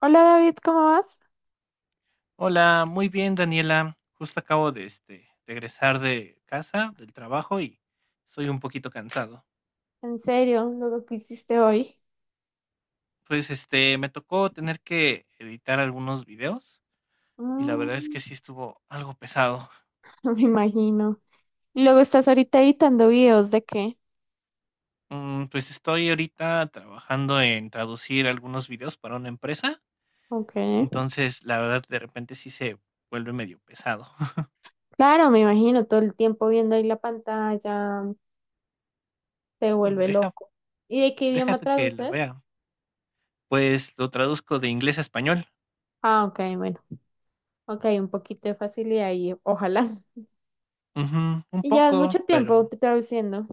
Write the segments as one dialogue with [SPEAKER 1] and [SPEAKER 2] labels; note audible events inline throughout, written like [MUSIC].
[SPEAKER 1] Hola David, ¿cómo vas?
[SPEAKER 2] Hola, muy bien, Daniela. Justo acabo de regresar de casa, del trabajo y estoy un poquito cansado.
[SPEAKER 1] En serio, ¿luego que hiciste hoy?
[SPEAKER 2] Pues me tocó tener que editar algunos videos y la verdad es
[SPEAKER 1] Mm,
[SPEAKER 2] que sí estuvo algo pesado.
[SPEAKER 1] [LAUGHS] me imagino. Y luego, ¿estás ahorita editando videos de qué?
[SPEAKER 2] Pues estoy ahorita trabajando en traducir algunos videos para una empresa,
[SPEAKER 1] Ok.
[SPEAKER 2] entonces la verdad de repente sí se vuelve medio pesado. [LAUGHS]
[SPEAKER 1] Claro, me imagino, todo el tiempo viendo ahí la pantalla, te vuelve
[SPEAKER 2] Deja,
[SPEAKER 1] loco. ¿Y de qué idioma
[SPEAKER 2] déjate que lo
[SPEAKER 1] traduces?
[SPEAKER 2] vea. Pues lo traduzco de inglés a español.
[SPEAKER 1] Ah, ok, bueno. Ok, un poquito de facilidad y ojalá. [LAUGHS]
[SPEAKER 2] Ujú, un
[SPEAKER 1] Y ¿ya es
[SPEAKER 2] poco,
[SPEAKER 1] mucho tiempo traduciendo?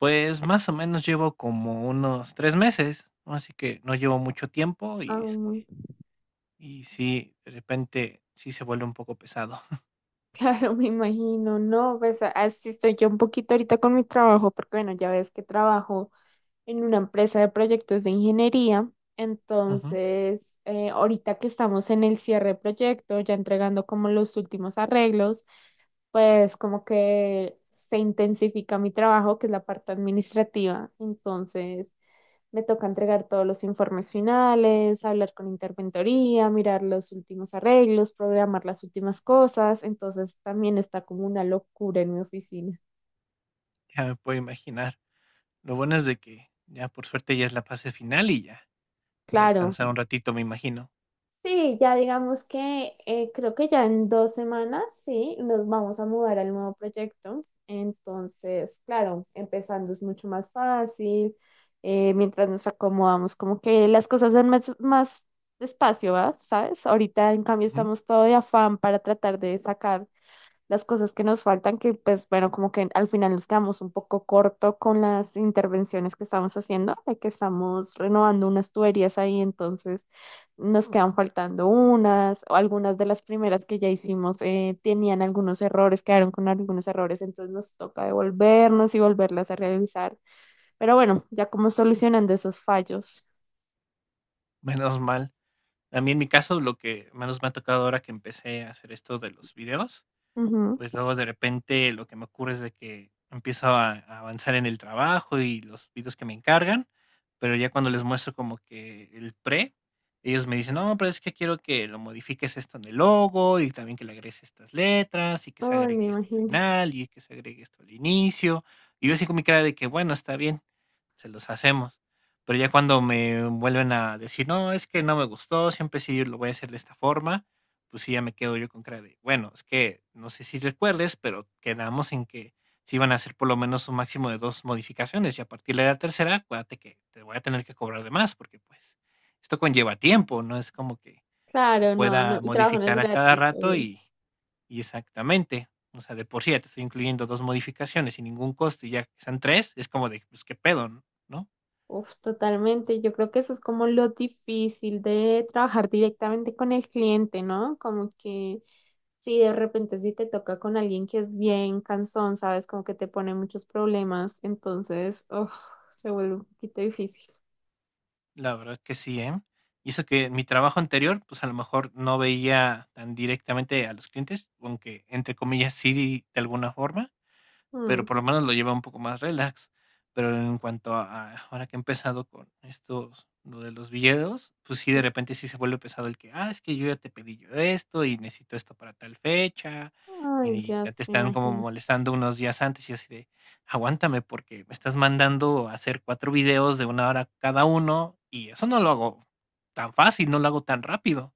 [SPEAKER 2] Pues, más o menos llevo como unos 3 meses, ¿no? Así que no llevo mucho tiempo
[SPEAKER 1] Ah,
[SPEAKER 2] y,
[SPEAKER 1] [LAUGHS]
[SPEAKER 2] sí, de repente sí se vuelve un poco pesado. [LAUGHS]
[SPEAKER 1] claro, me imagino, no, pues así estoy yo un poquito ahorita con mi trabajo, porque bueno, ya ves que trabajo en una empresa de proyectos de ingeniería.
[SPEAKER 2] Ujú,
[SPEAKER 1] Entonces, ahorita que estamos en el cierre de proyecto, ya entregando como los últimos arreglos, pues como que se intensifica mi trabajo, que es la parte administrativa. Entonces, me toca entregar todos los informes finales, hablar con interventoría, mirar los últimos arreglos, programar las últimas cosas. Entonces, también está como una locura en mi oficina.
[SPEAKER 2] ya me puedo imaginar. Lo bueno es de que ya, por suerte, ya es la fase final y ya, a
[SPEAKER 1] Claro.
[SPEAKER 2] descansar un ratito, me imagino.
[SPEAKER 1] Sí, ya digamos que creo que ya en 2 semanas, sí, nos vamos a mudar al nuevo proyecto. Entonces, claro, empezando es mucho más fácil. Mientras nos acomodamos, como que las cosas son más despacio, ¿va? ¿Sabes? Ahorita, en cambio,
[SPEAKER 2] Ujú,
[SPEAKER 1] estamos todo de afán para tratar de sacar las cosas que nos faltan, que pues bueno, como que al final nos quedamos un poco corto con las intervenciones que estamos haciendo, de que estamos renovando unas tuberías ahí, entonces nos quedan faltando unas, o algunas de las primeras que ya hicimos tenían algunos errores, quedaron con algunos errores, entonces nos toca devolvernos y volverlas a realizar, pero bueno, ya como solucionando esos fallos.
[SPEAKER 2] menos mal. A mí, en mi caso, lo que menos me ha tocado ahora que empecé a hacer esto de los videos,
[SPEAKER 1] Ujú.
[SPEAKER 2] pues luego de repente lo que me ocurre es de que empiezo a avanzar en el trabajo y los videos que me encargan, pero ya cuando les muestro como que ellos me dicen, no, pero es que quiero que lo modifiques esto en el logo y también que le agregues estas letras y que se
[SPEAKER 1] Ay, me
[SPEAKER 2] agregue esto al
[SPEAKER 1] imagino.
[SPEAKER 2] final y que se agregue esto al inicio. Y yo así con mi cara de que, bueno, está bien, se los hacemos. Pero ya cuando me vuelven a decir, no, es que no me gustó, siempre sí lo voy a hacer de esta forma, pues sí, ya me quedo yo con cara de, bueno, es que no sé si recuerdes, pero quedamos en que si iban a hacer por lo menos un máximo de dos modificaciones y a partir de la tercera, acuérdate que te voy a tener que cobrar de más, porque pues esto conlleva tiempo, no es como que lo
[SPEAKER 1] Claro, no, no,
[SPEAKER 2] pueda
[SPEAKER 1] el trabajo no es
[SPEAKER 2] modificar a cada
[SPEAKER 1] gratis,
[SPEAKER 2] rato
[SPEAKER 1] obvio.
[SPEAKER 2] y exactamente, o sea, de por sí ya te estoy incluyendo dos modificaciones sin ningún costo y ya que sean tres, es como de, pues qué pedo, ¿no?
[SPEAKER 1] Uf, totalmente. Yo creo que eso es como lo difícil de trabajar directamente con el cliente, ¿no? Como que si de repente si te toca con alguien que es bien cansón, sabes, como que te pone muchos problemas, entonces, uf, se vuelve un poquito difícil.
[SPEAKER 2] La verdad que sí, ¿eh? Y eso que en mi trabajo anterior, pues, a lo mejor no veía tan directamente a los clientes, aunque entre comillas sí, de alguna forma, pero
[SPEAKER 1] Mm,
[SPEAKER 2] por lo menos lo lleva un poco más relax. Pero en cuanto a ahora que he empezado con estos, lo de los videos, pues sí, de
[SPEAKER 1] sí.
[SPEAKER 2] repente sí se vuelve pesado el que, ah, es que yo ya te pedí yo esto y necesito esto para tal fecha,
[SPEAKER 1] Ay,
[SPEAKER 2] y ya
[SPEAKER 1] Dios,
[SPEAKER 2] te
[SPEAKER 1] me
[SPEAKER 2] están como
[SPEAKER 1] imagino.
[SPEAKER 2] molestando unos días antes y así de, aguántame porque me estás mandando a hacer 4 videos de una hora cada uno y eso no lo hago tan fácil, no lo hago tan rápido.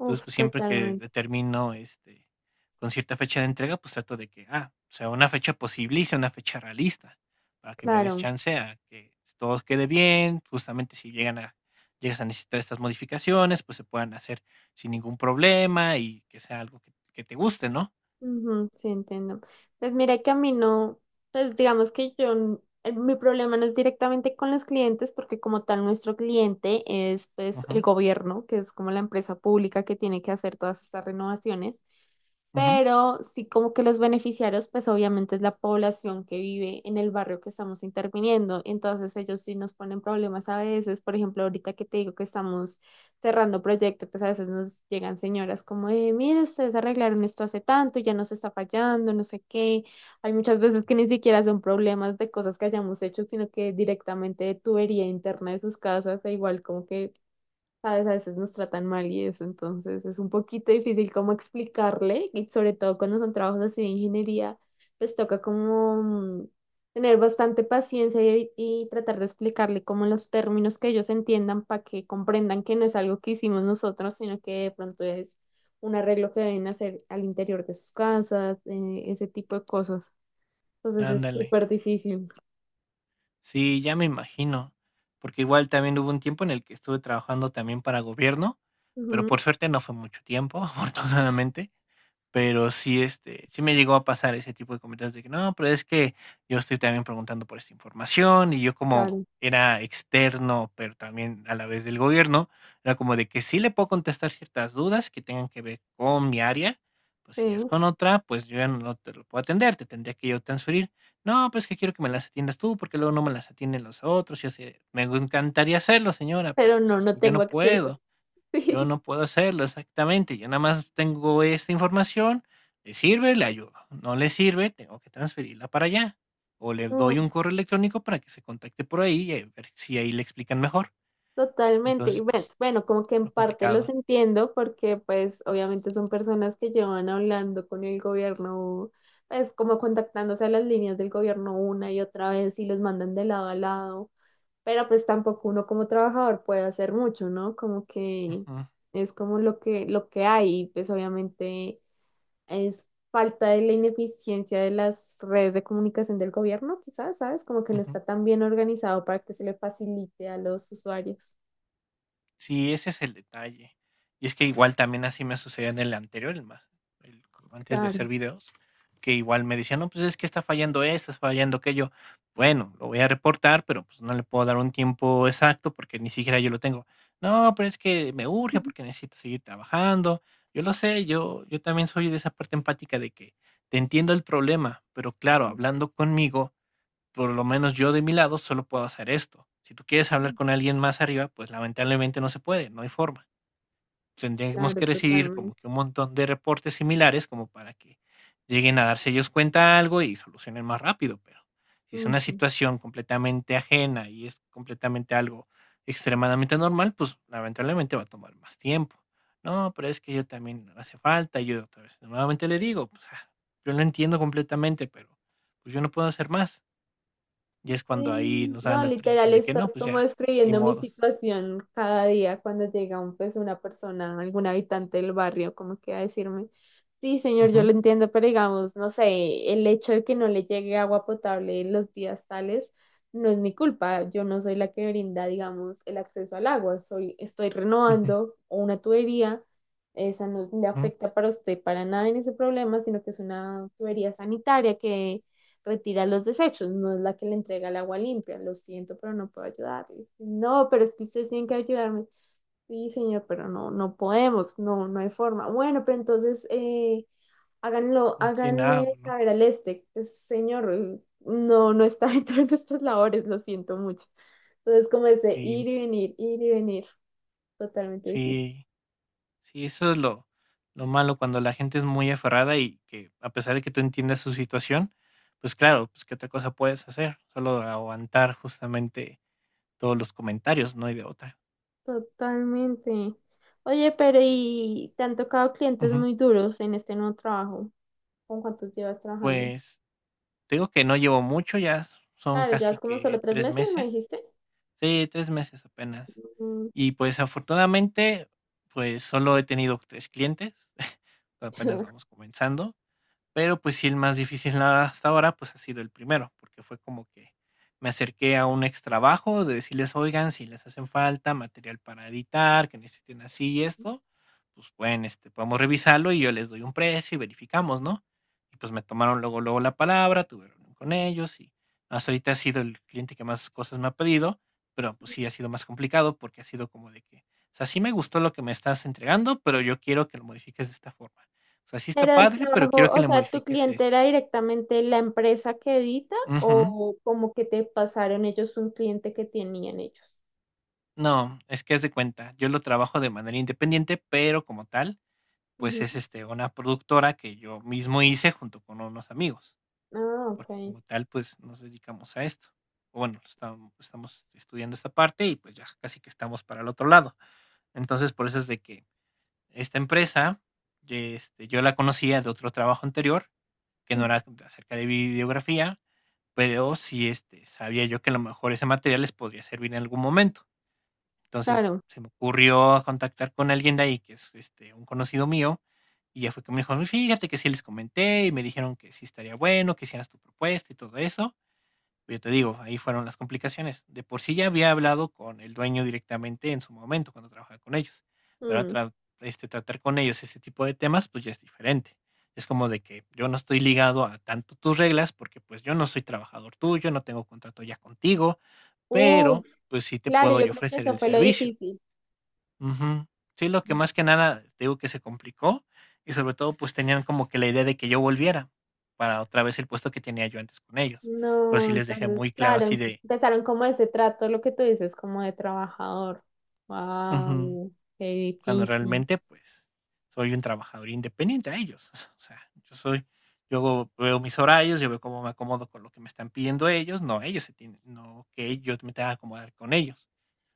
[SPEAKER 2] Entonces, pues, siempre que
[SPEAKER 1] totalmente.
[SPEAKER 2] determino, con cierta fecha de entrega, pues, trato de que, ah, sea una fecha posible y sea una fecha realista, para que me des
[SPEAKER 1] Claro.
[SPEAKER 2] chance a que todo quede bien. Justamente, si llegan a llegas a necesitar estas modificaciones, pues, se puedan hacer sin ningún problema y que sea algo que te guste, ¿no?
[SPEAKER 1] Ujú, sí, entiendo. Pues mira que a mí no, pues digamos que yo, mi problema no es directamente con los clientes, porque como tal nuestro cliente es pues el
[SPEAKER 2] Ujú,
[SPEAKER 1] gobierno, que es como la empresa pública que tiene que hacer todas estas renovaciones,
[SPEAKER 2] ujú,
[SPEAKER 1] pero sí como que los beneficiarios, pues obviamente es la población que vive en el barrio que estamos interviniendo, entonces ellos sí nos ponen problemas a veces, por ejemplo, ahorita que te digo que estamos cerrando proyectos, pues a veces nos llegan señoras como, mire, ustedes arreglaron esto hace tanto, ya nos está fallando, no sé qué, hay muchas veces que ni siquiera son problemas de cosas que hayamos hecho, sino que directamente de tubería interna de sus casas, e igual como que ¿sabes? A veces nos tratan mal y eso, entonces es un poquito difícil como explicarle, y sobre todo cuando son trabajos así de ingeniería, pues toca como tener bastante paciencia y tratar de explicarle como los términos que ellos entiendan para que comprendan que no es algo que hicimos nosotros, sino que de pronto es un arreglo que deben hacer al interior de sus casas, ese tipo de cosas. Entonces es
[SPEAKER 2] ándale.
[SPEAKER 1] súper difícil.
[SPEAKER 2] Sí, ya me imagino, porque igual también hubo un tiempo en el que estuve trabajando también para gobierno, pero
[SPEAKER 1] Ujú,
[SPEAKER 2] por suerte no fue mucho tiempo, [LAUGHS] afortunadamente. Pero sí, sí me llegó a pasar ese tipo de comentarios de que: "No, pero es que yo estoy también preguntando por esta información", y yo como
[SPEAKER 1] claro,
[SPEAKER 2] era externo, pero también a la vez del gobierno, era como de que sí le puedo contestar ciertas dudas que tengan que ver con mi área. Pues, si es
[SPEAKER 1] sí,
[SPEAKER 2] con otra, pues, yo ya no te lo puedo atender, te tendría que yo transferir. "No, pues, que quiero que me las atiendas tú, porque luego no me las atienden los otros", y yo así: "Me encantaría hacerlo, señora, pero,
[SPEAKER 1] pero
[SPEAKER 2] pues,
[SPEAKER 1] no,
[SPEAKER 2] es
[SPEAKER 1] no
[SPEAKER 2] que yo
[SPEAKER 1] tengo
[SPEAKER 2] no
[SPEAKER 1] acceso.
[SPEAKER 2] puedo". Yo
[SPEAKER 1] [LAUGHS]
[SPEAKER 2] no puedo hacerlo, exactamente. Yo nada más tengo esta información, le sirve, le ayudo. No le sirve, tengo que transferirla para allá. O le doy
[SPEAKER 1] Sí.
[SPEAKER 2] un correo electrónico para que se contacte por ahí y a ver si ahí le explican mejor.
[SPEAKER 1] Totalmente, y
[SPEAKER 2] Entonces, pues,
[SPEAKER 1] ves, bueno, como que en
[SPEAKER 2] lo
[SPEAKER 1] parte los
[SPEAKER 2] complicado.
[SPEAKER 1] entiendo porque pues obviamente son personas que llevan hablando con el gobierno, pues como contactándose a las líneas del gobierno una y otra vez y los mandan de lado a lado, pero pues tampoco uno como trabajador puede hacer mucho, ¿no? Como que
[SPEAKER 2] Ujú,
[SPEAKER 1] es como lo que hay, y pues obviamente es falta de la ineficiencia de las redes de comunicación del gobierno, quizás, ¿sabes? Como que no
[SPEAKER 2] ujú.
[SPEAKER 1] está tan bien organizado para que se le facilite a los usuarios.
[SPEAKER 2] Sí, ese es el detalle. Y es que igual también así me sucedió en el anterior, el más, el antes de hacer
[SPEAKER 1] Claro,
[SPEAKER 2] videos, que igual me decían, no, pues es que está fallando esto, está fallando aquello. Bueno, lo voy a reportar, pero pues no le puedo dar un tiempo exacto porque ni siquiera yo lo tengo. No, pero es que me urge porque
[SPEAKER 1] [LAUGHS]
[SPEAKER 2] necesito seguir trabajando. Yo lo sé, yo también soy de esa parte empática de que te entiendo el problema, pero claro, hablando conmigo, por lo menos yo de mi lado solo puedo hacer esto. Si tú quieres hablar con alguien más arriba, pues lamentablemente no se puede, no hay forma. Tendríamos
[SPEAKER 1] claro,
[SPEAKER 2] que recibir como
[SPEAKER 1] totalmente.
[SPEAKER 2] que un montón de reportes similares como para que lleguen a darse ellos cuenta de algo y solucionen más rápido, pero si es una
[SPEAKER 1] Ujú.
[SPEAKER 2] situación completamente ajena y es completamente algo extremadamente normal, pues lamentablemente va a tomar más tiempo. No, pero es que yo también no hace falta, y yo otra vez nuevamente le digo, pues ah, yo lo entiendo completamente, pero pues yo no puedo hacer más, y es cuando ahí
[SPEAKER 1] Sí,
[SPEAKER 2] nos dan
[SPEAKER 1] no,
[SPEAKER 2] la autorización
[SPEAKER 1] literal,
[SPEAKER 2] de que
[SPEAKER 1] estás
[SPEAKER 2] no, pues
[SPEAKER 1] como
[SPEAKER 2] ya, ni
[SPEAKER 1] describiendo mi
[SPEAKER 2] modos.
[SPEAKER 1] situación cada día cuando llega un, pues, una persona, algún habitante del barrio, como que a decirme, sí, señor, yo
[SPEAKER 2] Ujú,
[SPEAKER 1] lo entiendo, pero digamos, no sé, el hecho de que no le llegue agua potable en los días tales no es mi culpa, yo no soy la que brinda, digamos, el acceso al agua, soy, estoy
[SPEAKER 2] ujú,
[SPEAKER 1] renovando una tubería, esa no le
[SPEAKER 2] ujú,
[SPEAKER 1] afecta para usted para nada en ese problema, sino que es una tubería sanitaria que retira los desechos, no es la que le entrega el agua limpia. Lo siento, pero no puedo ayudarle. No, pero es que ustedes tienen que ayudarme. Sí, señor, pero no, no podemos, no, no hay forma. Bueno, pero entonces háganlo,
[SPEAKER 2] ¿con quién
[SPEAKER 1] háganle
[SPEAKER 2] hago, no?
[SPEAKER 1] saber al este, pues, señor, no, no está [LAUGHS] dentro de nuestras labores, lo siento mucho. Entonces, como ese
[SPEAKER 2] Sí,
[SPEAKER 1] ir y venir, totalmente difícil.
[SPEAKER 2] sí, sí, eso es lo, malo, cuando la gente es muy aferrada y que a pesar de que tú entiendas su situación, pues claro, pues qué otra cosa puedes hacer, solo aguantar justamente todos los comentarios, no hay de otra.
[SPEAKER 1] Totalmente. Oye, pero ¿y te han tocado clientes
[SPEAKER 2] Ujú.
[SPEAKER 1] muy duros en este nuevo trabajo? ¿Con cuántos llevas trabajando?
[SPEAKER 2] Pues te digo que no llevo mucho, ya son
[SPEAKER 1] Claro, ya
[SPEAKER 2] casi
[SPEAKER 1] es como solo
[SPEAKER 2] que
[SPEAKER 1] tres
[SPEAKER 2] tres
[SPEAKER 1] meses, me
[SPEAKER 2] meses.
[SPEAKER 1] dijiste.
[SPEAKER 2] Sí, 3 meses apenas.
[SPEAKER 1] Mm,
[SPEAKER 2] Y, pues, afortunadamente, pues, solo he tenido 3 clientes, [LAUGHS] apenas vamos
[SPEAKER 1] [LAUGHS]
[SPEAKER 2] comenzando. Pero, pues sí, el más difícil hasta ahora, pues, ha sido el primero, porque fue como que me acerqué a un extrabajo de decirles: "Oigan, si les hacen falta material para editar, que necesiten así y esto, pues pueden, este, podemos revisarlo y yo les doy un precio y verificamos", ¿no? Y, pues, me tomaron luego, luego la palabra, tuve reunión con ellos y hasta ahorita ha sido el cliente que más cosas me ha pedido, pero, pues sí, ha sido más complicado, porque ha sido como de que, o sea, sí me gustó lo que me estás entregando, pero yo quiero que lo modifiques de esta forma. O sea, sí está
[SPEAKER 1] pero el
[SPEAKER 2] padre, pero
[SPEAKER 1] trabajo,
[SPEAKER 2] quiero que
[SPEAKER 1] o
[SPEAKER 2] le
[SPEAKER 1] sea, ¿tu
[SPEAKER 2] modifiques
[SPEAKER 1] cliente
[SPEAKER 2] esto.
[SPEAKER 1] era directamente la empresa que edita
[SPEAKER 2] Ujú.
[SPEAKER 1] o como que te pasaron ellos un cliente que tenían ellos?
[SPEAKER 2] No, es que haz de cuenta, yo lo trabajo de manera independiente, pero como tal, pues
[SPEAKER 1] Ujú.
[SPEAKER 2] es una productora que yo mismo hice junto con unos amigos,
[SPEAKER 1] Ah, ok.
[SPEAKER 2] porque como tal, pues nos dedicamos a esto. O bueno, estamos estudiando esta parte y pues ya casi que estamos para el otro lado. Entonces, por eso es de que esta empresa, yo la conocía de otro trabajo anterior, que no
[SPEAKER 1] Ujú,
[SPEAKER 2] era acerca de videografía. Pero sí, sabía yo que a lo mejor ese material les podría servir en algún momento. Entonces,
[SPEAKER 1] claro.
[SPEAKER 2] se me ocurrió contactar con alguien de ahí, que es, un conocido mío, y ya fue que me dijo: "Fíjate que sí les comenté, y me dijeron que sí estaría bueno, que hicieras tu propuesta y todo eso". Pero yo te digo, ahí fueron las complicaciones. De por sí ya había hablado con el dueño directamente en su momento cuando trabajaba con ellos, pero a
[SPEAKER 1] Mm.
[SPEAKER 2] tratar con ellos este tipo de temas, pues ya es diferente. Es como de que yo no estoy ligado a tanto tus reglas, porque pues yo no soy trabajador tuyo, no tengo contrato ya contigo, pero
[SPEAKER 1] Uf,
[SPEAKER 2] pues sí te
[SPEAKER 1] claro,
[SPEAKER 2] puedo
[SPEAKER 1] yo
[SPEAKER 2] yo
[SPEAKER 1] creo que
[SPEAKER 2] ofrecer
[SPEAKER 1] eso
[SPEAKER 2] el
[SPEAKER 1] fue lo
[SPEAKER 2] servicio.
[SPEAKER 1] difícil.
[SPEAKER 2] Ujú. Sí, lo que más que nada te digo que se complicó, y sobre todo pues tenían como que la idea de que yo volviera para otra vez el puesto que tenía yo antes con ellos. Pero
[SPEAKER 1] No,
[SPEAKER 2] sí les dejé
[SPEAKER 1] entonces,
[SPEAKER 2] muy claro así
[SPEAKER 1] claro,
[SPEAKER 2] de,
[SPEAKER 1] empezaron como ese trato, lo que tú dices, como de trabajador.
[SPEAKER 2] ujú.
[SPEAKER 1] Wow, qué
[SPEAKER 2] Cuando
[SPEAKER 1] difícil.
[SPEAKER 2] realmente, pues, soy un trabajador independiente a ellos. [LAUGHS] O sea, yo hago veo mis horarios, yo veo cómo me acomodo con lo que me están pidiendo ellos, no ellos se tienen, no que yo me tenga que acomodar con ellos.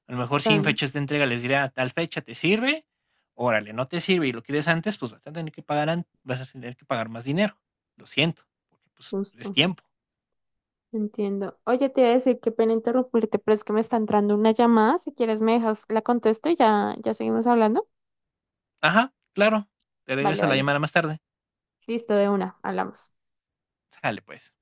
[SPEAKER 2] A lo mejor sí en
[SPEAKER 1] Tan
[SPEAKER 2] fechas de entrega les diré a tal fecha, ¿te sirve? Órale, no te sirve y lo quieres antes, pues vas a tener que pagar más dinero. Lo siento, porque pues es
[SPEAKER 1] justo.
[SPEAKER 2] tiempo.
[SPEAKER 1] Entiendo. Oye, te iba a decir, qué pena interrumpirte, pero es que me está entrando una llamada. Si quieres, me dejas, la contesto y ya, ya seguimos hablando.
[SPEAKER 2] Ajá, claro. Te
[SPEAKER 1] Vale,
[SPEAKER 2] regreso la
[SPEAKER 1] vale.
[SPEAKER 2] llamada más tarde.
[SPEAKER 1] Listo, de una, hablamos.
[SPEAKER 2] Sale, pues.